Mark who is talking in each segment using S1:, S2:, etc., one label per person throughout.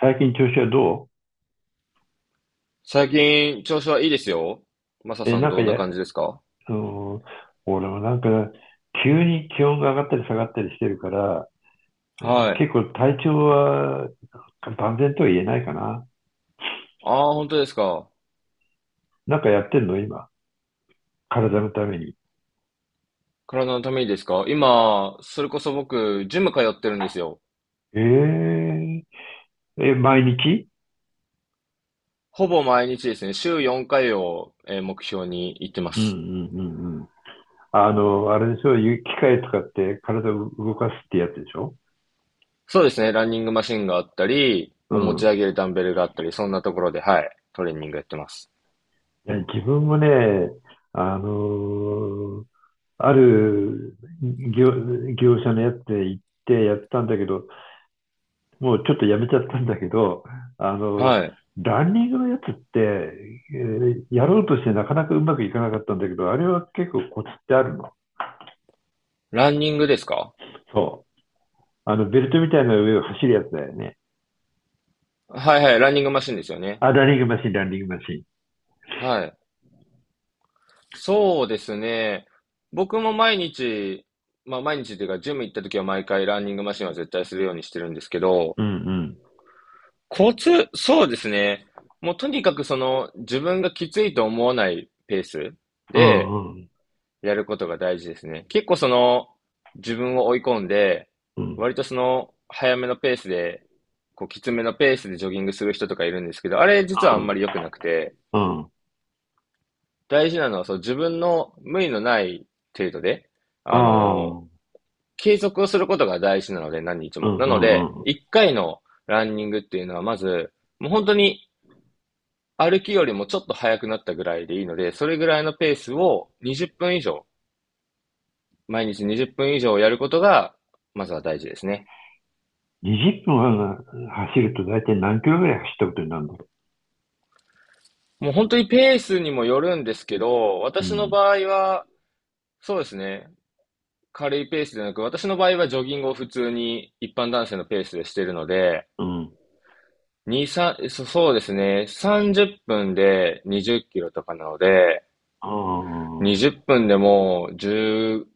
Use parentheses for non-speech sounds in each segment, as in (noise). S1: 最近調子はど
S2: 最近、調子はいいですよ。マサ
S1: う？え、
S2: さん
S1: なんか
S2: どんな
S1: や、
S2: 感じですか？
S1: うん、俺も急に気温が上がったり下がったりしてるから、
S2: はい。
S1: 結構体調は万全とは言えないかな。
S2: ああ、本当ですか。
S1: なんかやってんの今？体のために。
S2: 体のためにですか？今、それこそ僕、ジム通ってるんですよ。
S1: えー、え、毎日？
S2: ほぼ毎日ですね、週4回を、目標に行ってま
S1: うんうんう
S2: す。
S1: んうん。あの、あれでしょ？機械使って体を動かすってやつでしょ？
S2: そうですね、ランニングマシンがあったり、
S1: う
S2: まあ持ち
S1: ん。
S2: 上げるダンベルがあったり、そんなところで、はい、トレーニングやってます。
S1: いや、自分もね、あのーある業、業者のやつで行ってやったんだけど、もうちょっとやめちゃったんだけど、あの、
S2: はい。
S1: ランニングのやつって、やろうとしてなかなかうまくいかなかったんだけど、あれは結構コツってあるの？
S2: ランニングですか？
S1: そう。あの、ベルトみたいな上を走るやつだよね。
S2: はいはい、ランニングマシンですよね。
S1: あ、ランニングマシン、ランニングマシン。
S2: はい。そうですね。僕も毎日、まあ毎日というか、ジム行った時は毎回ランニングマシンは絶対するようにしてるんですけど、
S1: うんうん。
S2: コツ、そうですね。もうとにかくその自分がきついと思わないペース
S1: う
S2: で
S1: んうん。
S2: やることが大事ですね。結構その自分を追い込んで、
S1: うん、
S2: 割とその早めのペースで、こうきつめのペースでジョギングする人とかいるんですけど、あれ実
S1: あ、
S2: はあんま
S1: う
S2: り良くなくて、
S1: ーん。うん。
S2: 大事なのはそう自分の無理のない程度で、
S1: あ
S2: あの
S1: あ。
S2: 継続をすることが大事なので、何日
S1: う
S2: も。
S1: ん
S2: な
S1: う
S2: の
S1: んうんうんうん
S2: で、
S1: うんうん、ああ、うんうんうん。
S2: 1回のランニングっていうのは、まず、もう本当に歩きよりもちょっと速くなったぐらいでいいので、それぐらいのペースを20分以上、毎日20分以上やることが、まずは大事ですね。
S1: 20分走ると大体何キロぐらい走ったことになるの？
S2: もう本当にペースにもよるんですけど、
S1: う
S2: 私の
S1: ん。
S2: 場合は、そうですね、軽いペースでなく、私の場合はジョギングを普通に一般男性のペースでしてるので、
S1: うん。
S2: 2、3、そうですね、30分で20キロとかなので、
S1: ああ、
S2: 20分でもじゅう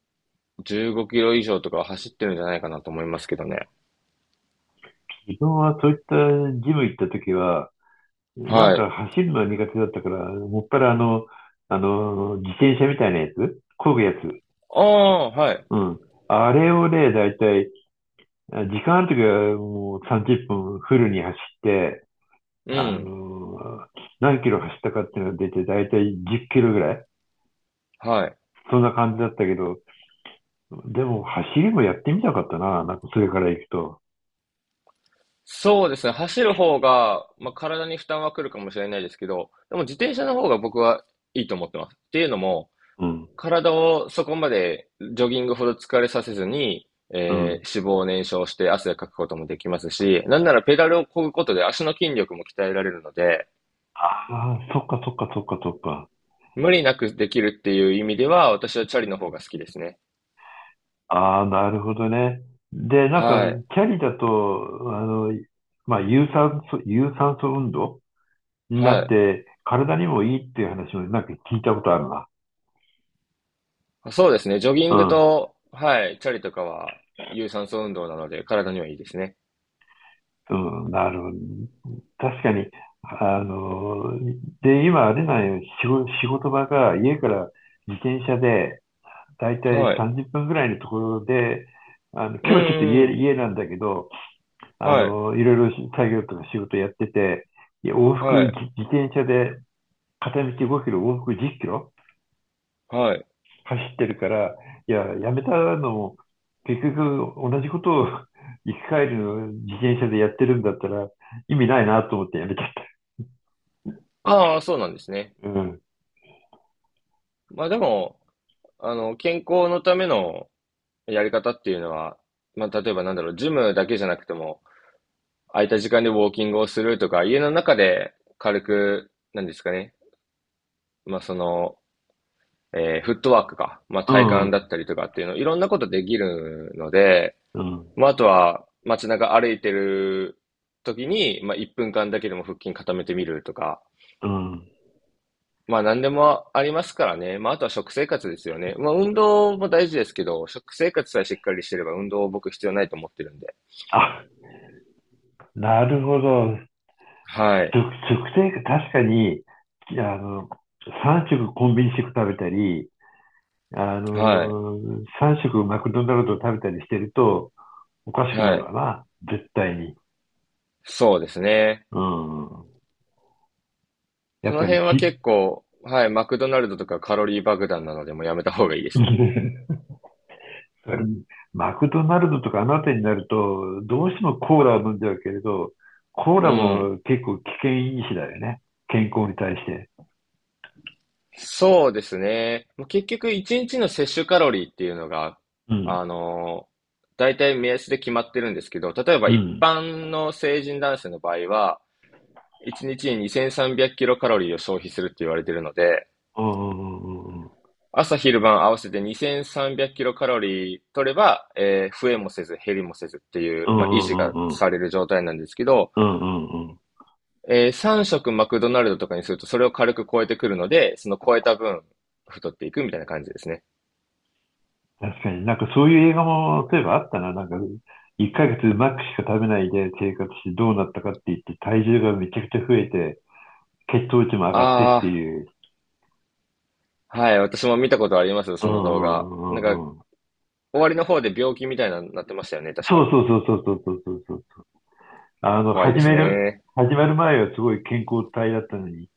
S2: 10、15キロ以上とか走ってるんじゃないかなと思いますけどね。
S1: 自分はそういったジム行った時は、なん
S2: はい。
S1: か走るのは苦手だったから、もっぱらあの、自転車みたいなやつ漕ぐやつ。
S2: ああ、はい。
S1: うん。あれをね、だいたい、あ、時間ある時はもう30分フルに走って、
S2: う
S1: あ
S2: ん。
S1: の、何キロ走ったかっていうのが出て、だいたい10キロぐらい。
S2: はい。
S1: そんな感じだったけど、でも走りもやってみたかったな、なんかそれから行くと。
S2: そうですね。走る方が、まあ、体に負担は来るかもしれないですけど、でも自転車の方が僕はいいと思ってます。っていうのも、
S1: うん、
S2: 体をそこまでジョギングほど疲れさせずに、
S1: うん。
S2: 脂肪を燃焼して汗をかくこともできますし、なんならペダルを漕ぐことで足の筋力も鍛えられるので、
S1: ああ、そっかそっかそっかそっか。
S2: 無理なくできるっていう意味では、私はチャリの方が好きですね。
S1: ああ、なるほどね。で、な
S2: は
S1: ん
S2: い。
S1: か、キャリだと、あの、まあ、有酸素運動に
S2: は
S1: なっ
S2: い。
S1: て、体にもいいっていう話もなんか聞いたことあるな。
S2: あそうですね。ジョギ
S1: う
S2: ング
S1: ん、
S2: と、はい、チャリとかは、有酸素運動なので、体にはいいですね。
S1: うん、なるほど。確かに、あの、で、今あれなんよ、仕事場が家から自転車で、だいたい
S2: はい。
S1: 30分ぐらいのところで、あの、今
S2: うん
S1: 日
S2: う
S1: はちょっと
S2: んうん。
S1: 家なんだけど、あ
S2: はい。
S1: の、いろいろ作業とか仕事やってて、いや往復
S2: はい。
S1: 自転車で片道5キロ、往復10キロ
S2: はい。
S1: 走ってるから、いや、やめたのも、結局同じことを (laughs) 行き帰りの自転車でやってるんだったら意味ないなと思ってやめちゃっ
S2: ああ、そうなんですね。
S1: た。うん。
S2: まあでも、健康のためのやり方っていうのは、まあ例えばなんだろう、ジムだけじゃなくても、空いた時間でウォーキングをするとか、家の中で軽く、なんですかね。まあその、フットワークか、まあ、
S1: う
S2: 体幹だ
S1: ん。
S2: ったりとかっていうの、いろんなことできるので、
S1: うん。
S2: まあ、あとは街中歩いてる時に、まあ、1分間だけでも腹筋固めてみるとか、
S1: うん。
S2: まあ、何でもありますからね。まあ、あとは食生活ですよね。まあ、運動も大事ですけど、食生活さえしっかりしてれば運動僕必要ないと思ってるんで。
S1: あ、なるほど。
S2: はい。
S1: 食生活、確かに、あの、3食コンビニ食食べたり、あ
S2: はい。
S1: の、3食マクドナルド食べたりしてるとおかしくな
S2: は
S1: る
S2: い。
S1: わな。絶対に。
S2: そうですね。
S1: うん。や
S2: そ
S1: っ
S2: の
S1: ぱり
S2: 辺は
S1: ひ、
S2: 結構、はい、マクドナルドとかカロリー爆弾なのでもうやめた方がいいですね。
S1: (laughs) マクドナルドとかあの辺りになると、どうしてもコーラを飲んじゃうけれど、コー
S2: う
S1: ラ
S2: ん。
S1: も結構危険因子だよね。健康に対して。
S2: そうですね。もう結局、一日の摂取カロリーっていうのが、
S1: う
S2: あ
S1: ん。
S2: の、大体目安で決まってるんですけど、例えば
S1: う
S2: 一
S1: ん。
S2: 般の成人男性の場合は、一日に2300キロカロリーを消費するって言われてるので、
S1: うんうんうんうん。
S2: 朝昼晩合わせて2300キロカロリー取れば、増えもせず減りもせずってい
S1: う
S2: う、まあ、維持
S1: ん
S2: が
S1: うん
S2: される状態なんですけど、
S1: うんうんうんうんうんうんうんうんうん。
S2: 3食マクドナルドとかにするとそれを軽く超えてくるので、その超えた分太っていくみたいな感じですね。
S1: 確かになんかそういう映画も、例えばあったな。なんか、1ヶ月マックしか食べないで生活してどうなったかって言って、体重がめちゃくちゃ増えて、血糖値も上がって
S2: あ
S1: って
S2: あ、
S1: いう。
S2: はい、私も見たことありますよ、
S1: う
S2: そ
S1: ん
S2: の動画。
S1: う
S2: なん
S1: んう
S2: か、
S1: んうん。
S2: 終わりの方で病気みたいなのになってましたよね、確
S1: そ
S2: か。
S1: うそうそうそうそうそうそう。あの、
S2: 怖いですね。
S1: 始まる前はすごい健康体だったのに、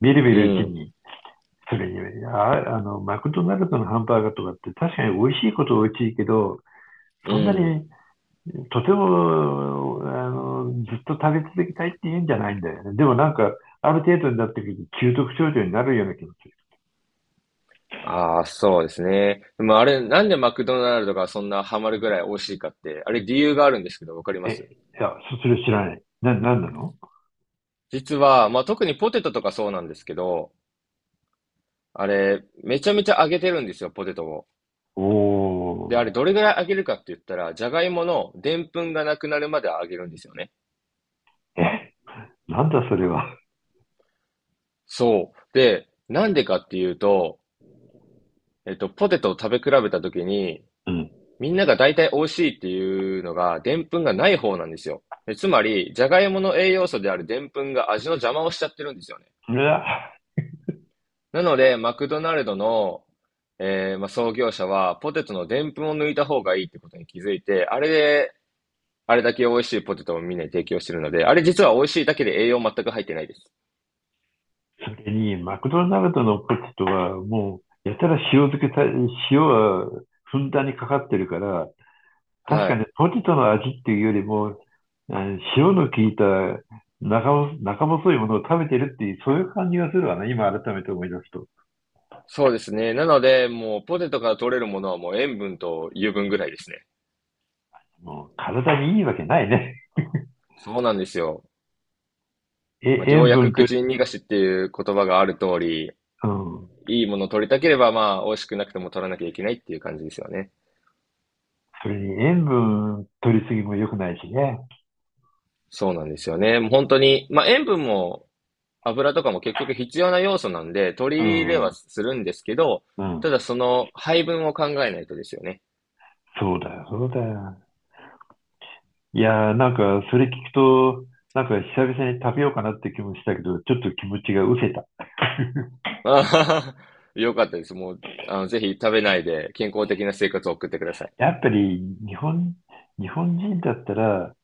S1: みるみ
S2: う
S1: るうち
S2: ん、
S1: に、それに、あ、マクドナルドのハンバーガーとかって確かに美味しいことは美味しいけど、
S2: う
S1: そんな
S2: ん。
S1: に、とても、あの、ずっと食べ続けたいって言うんじゃないんだよね。でもなんか、ある程度になってくると、中毒症状になるような気持ち。
S2: ああ、そうですね。でもあれ、なんでマクドナルドがそんなハマるぐらい美味しいかって、あれ理由があるんですけど、わかります？
S1: え、いや、それ知らない。なんなの？
S2: 実は、まあ、特にポテトとかそうなんですけど、あれ、めちゃめちゃ揚げてるんですよ、ポテトを。
S1: お
S2: で、あ
S1: ー。
S2: れ、どれぐらい揚げるかって言ったら、じゃがいものでんぷんがなくなるまで揚げるんですよね。
S1: え、なんだそれは。
S2: そう。で、なんでかっていうと、えっと、ポテトを食べ比べたときに、
S1: うん。
S2: みんなが大体美味しいっていうのが、でんぷんがない方なんですよ。つまり、じゃがいもの栄養素であるでんぷんが味の邪魔をしちゃってるんですよね。
S1: うわ。
S2: なので、マクドナルドの、まあ、創業者は、ポテトのでんぷんを抜いた方がいいってことに気づいて、あれで、あれだけ美味しいポテトをみんなに提供してるので、あれ実は美味しいだけで栄養全く入ってないです。
S1: それに、マクドナルドのポテトは、もう、やたら塩漬けた、塩はふんだんにかかってるから、確
S2: は
S1: か
S2: い。
S1: にポテトの味っていうよりも、あ、塩の効いた中中細いものを食べてるっていう、そういう感じがするわね、今改めて思い出すと。
S2: そうですね。なので、もうポテトから取れるものはもう塩分と油分ぐらいですね。
S1: もう、体にいいわけないね。
S2: そうなんですよ。
S1: え、
S2: まあ、良
S1: 塩分
S2: 薬苦
S1: 取り、
S2: 尽逃がしっていう言葉がある通り、
S1: うん。
S2: いいものを取りたければ、まあ、美味しくなくても取らなきゃいけないっていう感じですよね。
S1: それに塩分取りすぎも良くないしね。
S2: そうなんですよね。もう本当に、まあ、塩分も油とかも結局必要な要素なんで、取
S1: う
S2: り入れは
S1: ん。
S2: するんですけど、
S1: うん。
S2: ただその配分を考えないとですよね。
S1: そうだよ、そうだよ。いやー、なんか、それ聞くと、なんか、久々に食べようかなって気もしたけど、ちょっと気持ちが失せた。
S2: あはは。よかったです。もう、ぜひ食べないで健康的な生活を送ってください。
S1: やっぱり、日本、日本人だったら、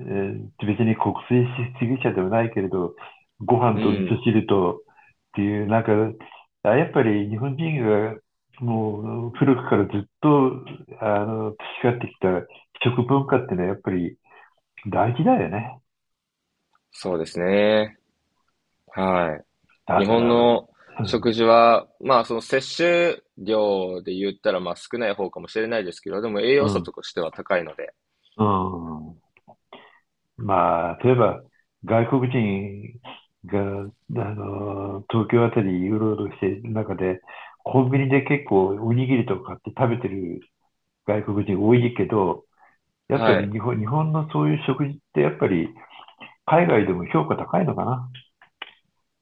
S1: 別に国粋主義者ではないけれど、ご飯
S2: う
S1: と味
S2: ん。
S1: 噌汁とっていう、なんか、あ、やっぱり日本人が、もう、古くからずっと、あの、培ってきた食文化ってのは、やっぱり大事だよね。
S2: そうですね。はい。
S1: だ
S2: 日
S1: か
S2: 本
S1: ら、
S2: の
S1: う
S2: 食
S1: ん、
S2: 事は、まあ、その摂取量で言ったら、まあ、少ない方かもしれないですけど、でも栄
S1: う
S2: 養素
S1: ん、
S2: としては高いので、
S1: うん。まあ、例えば、外国人が、あの、東京あたりうろうろしている中で、コンビニで結構おにぎりとか買って食べてる外国人多いけど、やっぱ
S2: は
S1: り
S2: い。
S1: 日本のそういう食事ってやっぱり海外でも評価高いのかな。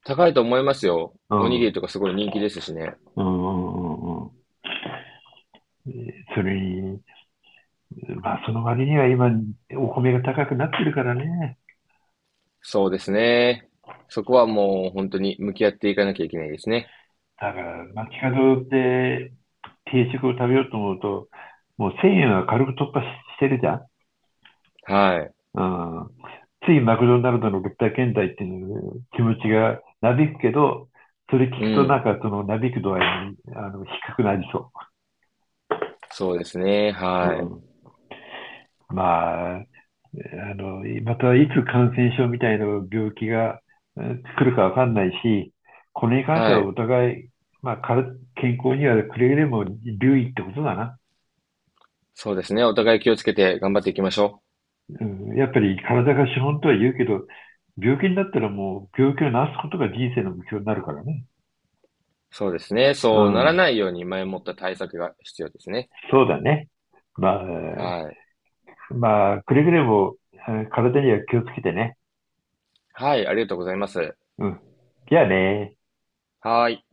S2: 高いと思いますよ。
S1: う
S2: おに
S1: ん。
S2: ぎ
S1: う
S2: りとかすごい人気ですしね。
S1: んうんうんうん。それに、まあその割には今お米が高くなってるからね。
S2: そうですね。そこはもう本当に向き合っていかなきゃいけないですね。
S1: だから、街角で定食を食べようと思うと、もう1000円は軽く突破ししてるじゃん。
S2: はい。
S1: うん。ついマクドナルドの物体検体っていう気持ちがなびくけど、それ聞
S2: う
S1: くとなん
S2: ん。
S1: かそのなびく度合いにあの低くなりそ
S2: そうですね。
S1: う。う
S2: はい。
S1: ん。まあ、あの、またいつ感染症みたいな病気が来るかわかんないし、これに関して
S2: は
S1: は
S2: い。
S1: お互い、まあ、から健康にはくれぐれも留意ってことだな。
S2: そうですね。お互い気をつけて頑張っていきましょ
S1: うん。やっぱり体が資本とは言うけど、病気になったらもう病気を治すことが人生の目標になるからね。
S2: う。そうですね。
S1: う
S2: そうなら
S1: ん。
S2: ないように前もった対策が必要ですね。
S1: そうだね。まあ、
S2: はい。
S1: くれぐれも体には気をつけてね。
S2: はい。ありがとうございます。
S1: うん。じゃあね。
S2: はい。